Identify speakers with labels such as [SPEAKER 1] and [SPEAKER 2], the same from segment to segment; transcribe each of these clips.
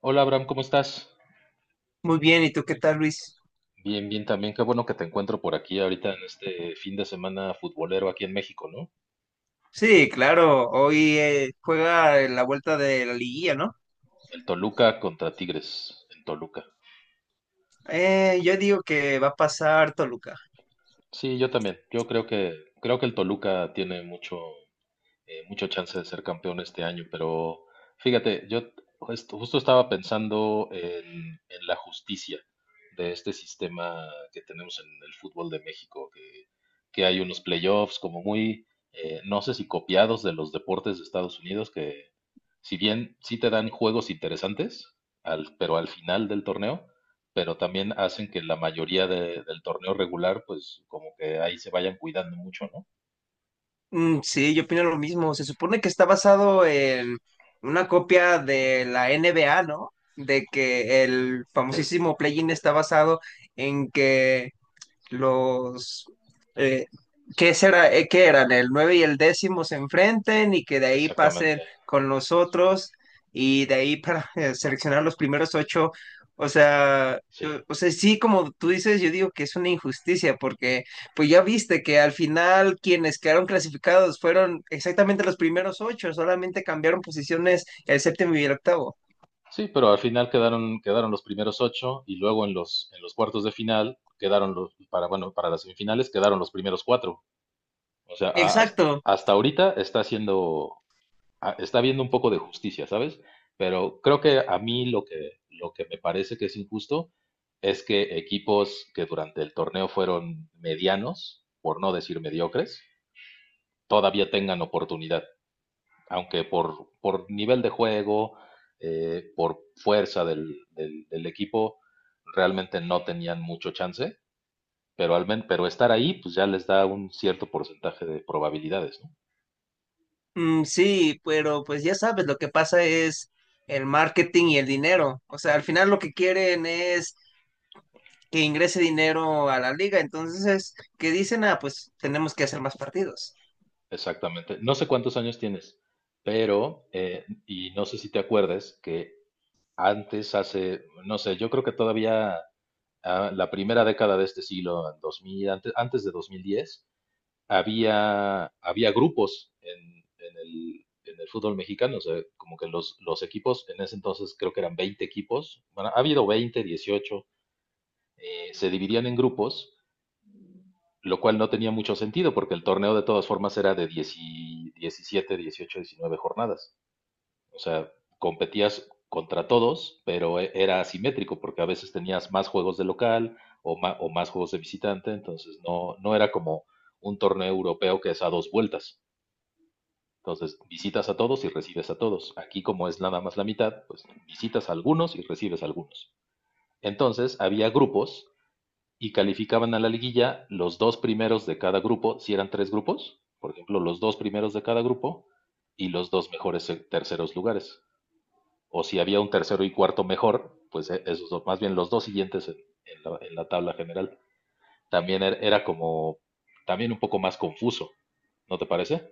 [SPEAKER 1] Hola, Abraham, ¿cómo estás?
[SPEAKER 2] Muy bien, ¿y tú qué tal, Luis?
[SPEAKER 1] Bien, bien también. Qué bueno que te encuentro por aquí ahorita en este fin de semana futbolero aquí en México, ¿no?
[SPEAKER 2] Sí, claro, hoy juega la vuelta de la liguilla, ¿no?
[SPEAKER 1] El Toluca contra Tigres en Toluca.
[SPEAKER 2] Yo digo que va a pasar Toluca.
[SPEAKER 1] Sí, yo también. Yo creo que el Toluca tiene mucho mucho chance de ser campeón este año, pero fíjate, yo justo estaba pensando en la justicia de este sistema que tenemos en el fútbol de México, que hay unos playoffs como muy, no sé si copiados de los deportes de Estados Unidos, que si bien sí te dan juegos interesantes, al, pero al final del torneo, pero también hacen que la mayoría del torneo regular, pues como que ahí se vayan cuidando mucho, ¿no?
[SPEAKER 2] Mm, sí, yo opino lo mismo. Se supone que está basado en una copia de la NBA, ¿no? De que el famosísimo play-in está basado en que los eh, ¿qué será, qué eran? El nueve y el décimo se enfrenten y que de ahí
[SPEAKER 1] Exactamente,
[SPEAKER 2] pasen con los otros y de ahí para seleccionar los primeros ocho.
[SPEAKER 1] sí.
[SPEAKER 2] O sea, sí, como tú dices, yo digo que es una injusticia porque pues ya viste que al final quienes quedaron clasificados fueron exactamente los primeros ocho, solamente cambiaron posiciones el séptimo y el octavo.
[SPEAKER 1] Sí, pero al final quedaron, quedaron los primeros ocho y luego en los cuartos de final quedaron los, para, bueno, para las semifinales quedaron los primeros cuatro. O sea,
[SPEAKER 2] Exacto.
[SPEAKER 1] hasta ahorita está haciendo, está viendo un poco de justicia, ¿sabes? Pero creo que a mí lo que me parece que es injusto es que equipos que durante el torneo fueron medianos, por no decir mediocres, todavía tengan oportunidad aunque por nivel de juego, por fuerza del equipo, realmente no tenían mucho chance, pero, pero estar ahí, pues ya les da un cierto porcentaje de probabilidades, ¿no?
[SPEAKER 2] Mm, sí, pero pues ya sabes, lo que pasa es el marketing y el dinero. O sea, al final lo que quieren es que ingrese dinero a la liga. Entonces, ¿qué dicen? Ah, pues tenemos que hacer más partidos.
[SPEAKER 1] Exactamente. No sé cuántos años tienes, pero, y no sé si te acuerdas, que antes, hace, no sé, yo creo que todavía la primera década de este siglo, 2000, antes, antes de 2010, había, había grupos en el fútbol mexicano, o sea, como que los equipos, en ese entonces creo que eran 20 equipos, bueno, ha habido 20, 18, se dividían en grupos, lo cual no tenía mucho sentido porque el torneo de todas formas era de 10 y 17, 18, jornadas, o sea, competías contra todos, pero era asimétrico porque a veces tenías más juegos de local o, o más juegos de visitante, entonces no, no era como un torneo europeo que es a dos vueltas. Entonces, visitas a todos y recibes a todos. Aquí, como es nada más la mitad, pues visitas a algunos y recibes a algunos. Entonces, había grupos y calificaban a la liguilla los dos primeros de cada grupo, si eran tres grupos, por ejemplo, los dos primeros de cada grupo y los dos mejores terceros lugares. O si había un tercero y cuarto mejor, pues e, esos dos, más bien los dos siguientes en la, tabla general. También era como, también un poco más confuso, ¿no te parece?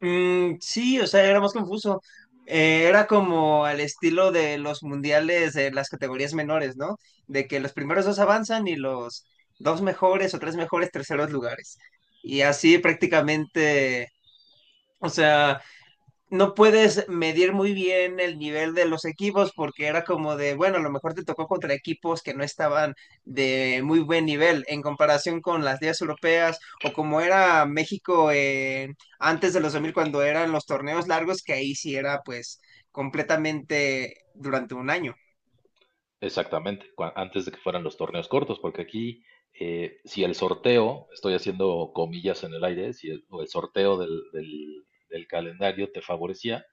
[SPEAKER 2] Mm, sí, o sea, era más confuso. Era como al estilo de los mundiales de las categorías menores, ¿no? De que los primeros dos avanzan y los dos mejores o tres mejores terceros lugares. Y así prácticamente, o sea, no puedes medir muy bien el nivel de los equipos porque era como de, bueno, a lo mejor te tocó contra equipos que no estaban de muy buen nivel en comparación con las ligas europeas o como era México antes de los 2000 cuando eran los torneos largos que ahí sí era pues completamente durante un año.
[SPEAKER 1] Exactamente, antes de que fueran los torneos cortos, porque aquí, si el sorteo, estoy haciendo comillas en el aire, si el, o el sorteo del, del calendario te favorecía,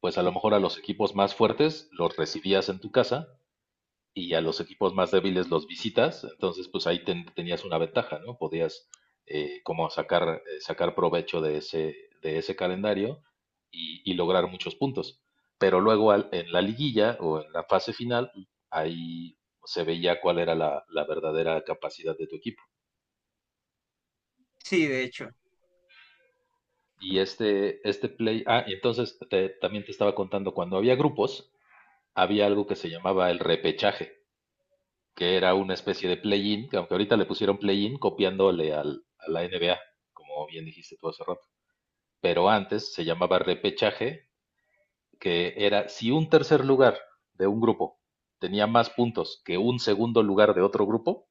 [SPEAKER 1] pues a lo mejor a los equipos más fuertes los recibías en tu casa y a los equipos más débiles los visitas, entonces pues ahí tenías una ventaja, ¿no? Podías como sacar, sacar provecho de ese calendario y lograr muchos puntos. Pero luego en la liguilla o en la fase final, ahí se veía cuál era la, la verdadera capacidad de tu equipo.
[SPEAKER 2] Sí, de hecho.
[SPEAKER 1] Y este y entonces también te estaba contando, cuando había grupos, había algo que se llamaba el repechaje, que era una especie de play-in, que aunque ahorita le pusieron play-in copiándole al, a la NBA, como bien dijiste tú hace rato. Pero antes se llamaba repechaje, que era si un tercer lugar de un grupo tenía más puntos que un segundo lugar de otro grupo,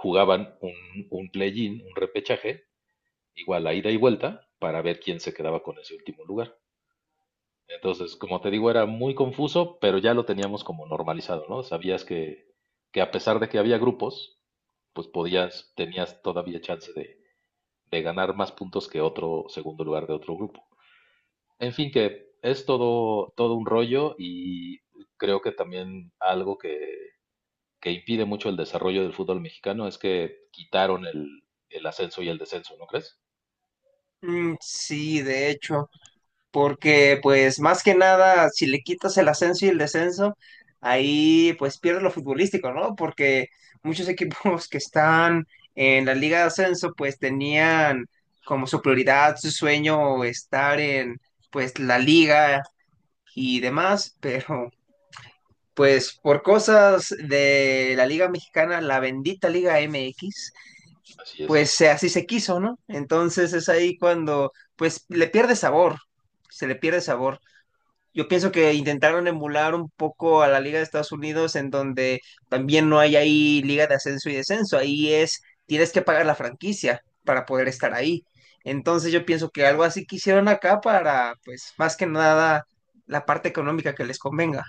[SPEAKER 1] jugaban un play-in, un repechaje, igual a ida y vuelta, para ver quién se quedaba con ese último lugar. Entonces, como te digo, era muy confuso, pero ya lo teníamos como normalizado, ¿no? Sabías que a pesar de que había grupos, pues podías, tenías todavía chance de ganar más puntos que otro segundo lugar de otro grupo. En fin, que es todo, todo un rollo y creo que también algo que impide mucho el desarrollo del fútbol mexicano es que quitaron el ascenso y el descenso, ¿no crees?
[SPEAKER 2] Mm, sí, de hecho, porque pues más que nada, si le quitas el ascenso y el descenso, ahí pues pierdes lo futbolístico, ¿no? Porque muchos equipos que están en la liga de ascenso pues tenían como su prioridad, su sueño estar en pues la liga y demás, pero pues por cosas de la liga mexicana, la bendita liga MX,
[SPEAKER 1] Así
[SPEAKER 2] pues
[SPEAKER 1] es.
[SPEAKER 2] así se quiso, ¿no? Entonces es ahí cuando pues le pierde sabor, se le pierde sabor. Yo pienso que intentaron emular un poco a la Liga de Estados Unidos, en donde también no hay ahí liga de ascenso y descenso. Ahí es, tienes que pagar la franquicia para poder estar ahí. Entonces yo pienso que algo así quisieron acá para, pues, más que nada, la parte económica que les convenga.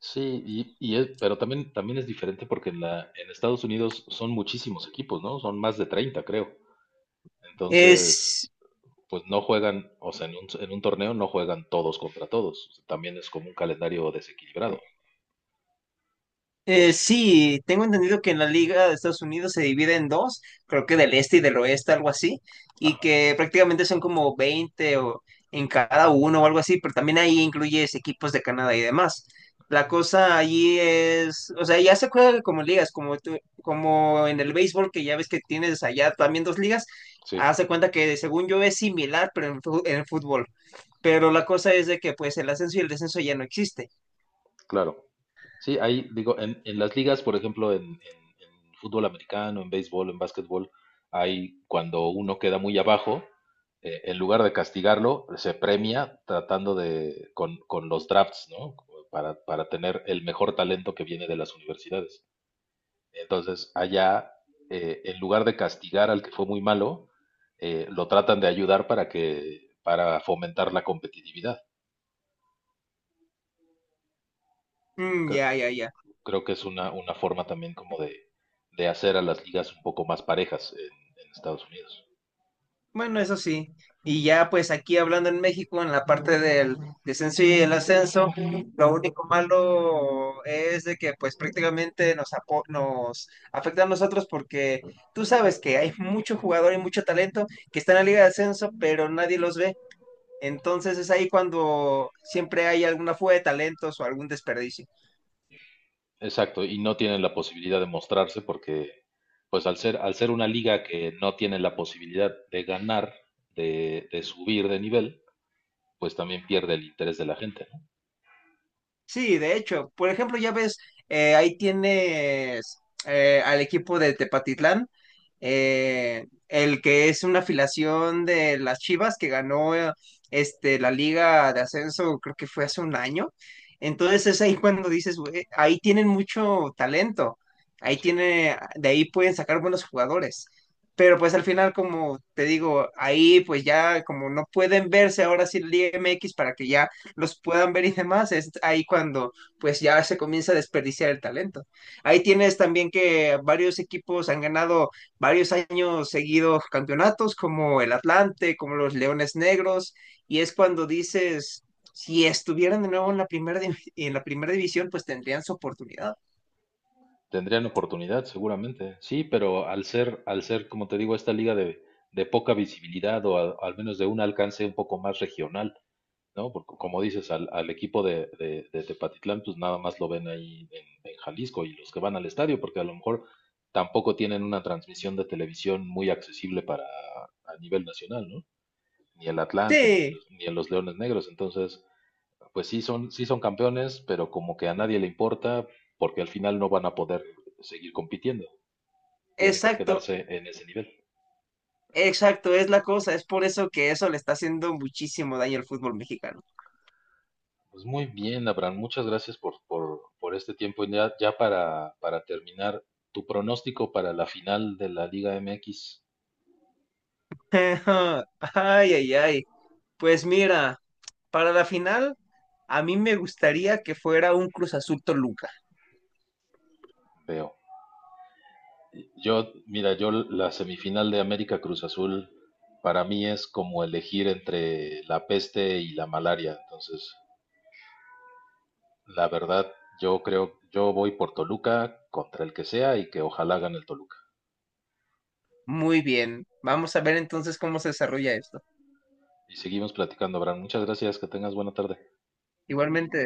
[SPEAKER 1] Sí, y pero también, también es diferente porque en la, en Estados Unidos son muchísimos equipos, ¿no? Son más de 30, creo. Entonces,
[SPEAKER 2] Es,
[SPEAKER 1] pues no juegan, o sea, en un torneo no juegan todos contra todos. También es como un calendario desequilibrado, ¿o sí?
[SPEAKER 2] Sí, tengo entendido que en la Liga de Estados Unidos se divide en dos, creo que del este y del oeste, algo así, y
[SPEAKER 1] Ajá,
[SPEAKER 2] que prácticamente son como 20 o en cada uno o algo así, pero también ahí incluyes equipos de Canadá y demás. La cosa allí es, o sea, ya se juega como ligas, como, como en el béisbol, que ya ves que tienes allá también dos ligas,
[SPEAKER 1] sí,
[SPEAKER 2] hace cuenta que según yo es similar, pero en, en el fútbol. Pero la cosa es de que pues el ascenso y el descenso ya no existe.
[SPEAKER 1] claro. Sí, ahí digo, en las ligas, por ejemplo, en, en fútbol americano, en béisbol, en básquetbol, hay cuando uno queda muy abajo, en lugar de castigarlo, se premia tratando de, con los drafts, ¿no? Como para tener el mejor talento que viene de las universidades. Entonces, allá, en lugar de castigar al que fue muy malo, lo tratan de ayudar para que, para fomentar la competitividad.
[SPEAKER 2] Mm,
[SPEAKER 1] Creo-
[SPEAKER 2] ya, ya, ya.
[SPEAKER 1] Creo que es una forma también como de hacer a las ligas un poco más parejas en Estados Unidos.
[SPEAKER 2] Bueno, eso sí. Y ya pues aquí hablando en México, en la parte del descenso y el ascenso, lo único malo es de que pues prácticamente nos, nos afecta a nosotros porque tú sabes que hay mucho jugador y mucho talento que está en la liga de ascenso, pero nadie los ve. Entonces es ahí cuando siempre hay alguna fuga de talentos o algún desperdicio.
[SPEAKER 1] Exacto, y no tienen la posibilidad de mostrarse porque, pues al ser una liga que no tiene la posibilidad de ganar, de subir de nivel, pues también pierde el interés de la gente, ¿no?
[SPEAKER 2] Sí, de hecho, por ejemplo, ya ves, ahí tienes al equipo de Tepatitlán, el que es una afiliación de las Chivas que ganó la Liga de Ascenso, creo que fue hace un año. Entonces es ahí cuando dices, "Güey, ahí tienen mucho talento, ahí
[SPEAKER 1] Sí.
[SPEAKER 2] tiene, de ahí pueden sacar buenos jugadores". Pero pues al final, como te digo, ahí pues ya como no pueden verse ahora sí la Liga MX para que ya los puedan ver y demás, es ahí cuando pues ya se comienza a desperdiciar el talento. Ahí tienes también que varios equipos han ganado varios años seguidos campeonatos, como el Atlante, como los Leones Negros, y es cuando dices, si estuvieran de nuevo en la primera, en la primera división, pues tendrían su oportunidad.
[SPEAKER 1] Tendrían oportunidad, seguramente. Sí, pero al ser, como te digo, esta liga de poca visibilidad o al menos de un alcance un poco más regional, ¿no? Porque como dices, al, al equipo de, de Tepatitlán, pues nada más lo ven ahí en Jalisco y los que van al estadio, porque a lo mejor tampoco tienen una transmisión de televisión muy accesible para a nivel nacional, ¿no? Ni el Atlante, ni
[SPEAKER 2] Sí,
[SPEAKER 1] los, ni los Leones Negros. Entonces, pues sí son campeones, pero como que a nadie le importa, porque al final no van a poder seguir compitiendo. Tiene que
[SPEAKER 2] exacto.
[SPEAKER 1] quedarse en ese nivel.
[SPEAKER 2] Exacto, es la cosa, es por eso que eso le está haciendo muchísimo daño al fútbol mexicano.
[SPEAKER 1] Pues muy bien, Abraham, muchas gracias por este tiempo. Y ya, ya para terminar, tu pronóstico para la final de la Liga MX,
[SPEAKER 2] Ay, ay, ay. Pues mira, para la final, a mí me gustaría que fuera un Cruz Azul Toluca.
[SPEAKER 1] veo. Yo, mira, yo la semifinal de América Cruz Azul para mí es como elegir entre la peste y la malaria. Entonces, la verdad, yo creo, yo voy por Toluca contra el que sea y que ojalá gane el Toluca.
[SPEAKER 2] Muy bien. Vamos a ver entonces cómo se desarrolla esto.
[SPEAKER 1] Y seguimos platicando, Abraham. Muchas gracias, que tengas buena tarde.
[SPEAKER 2] Igualmente.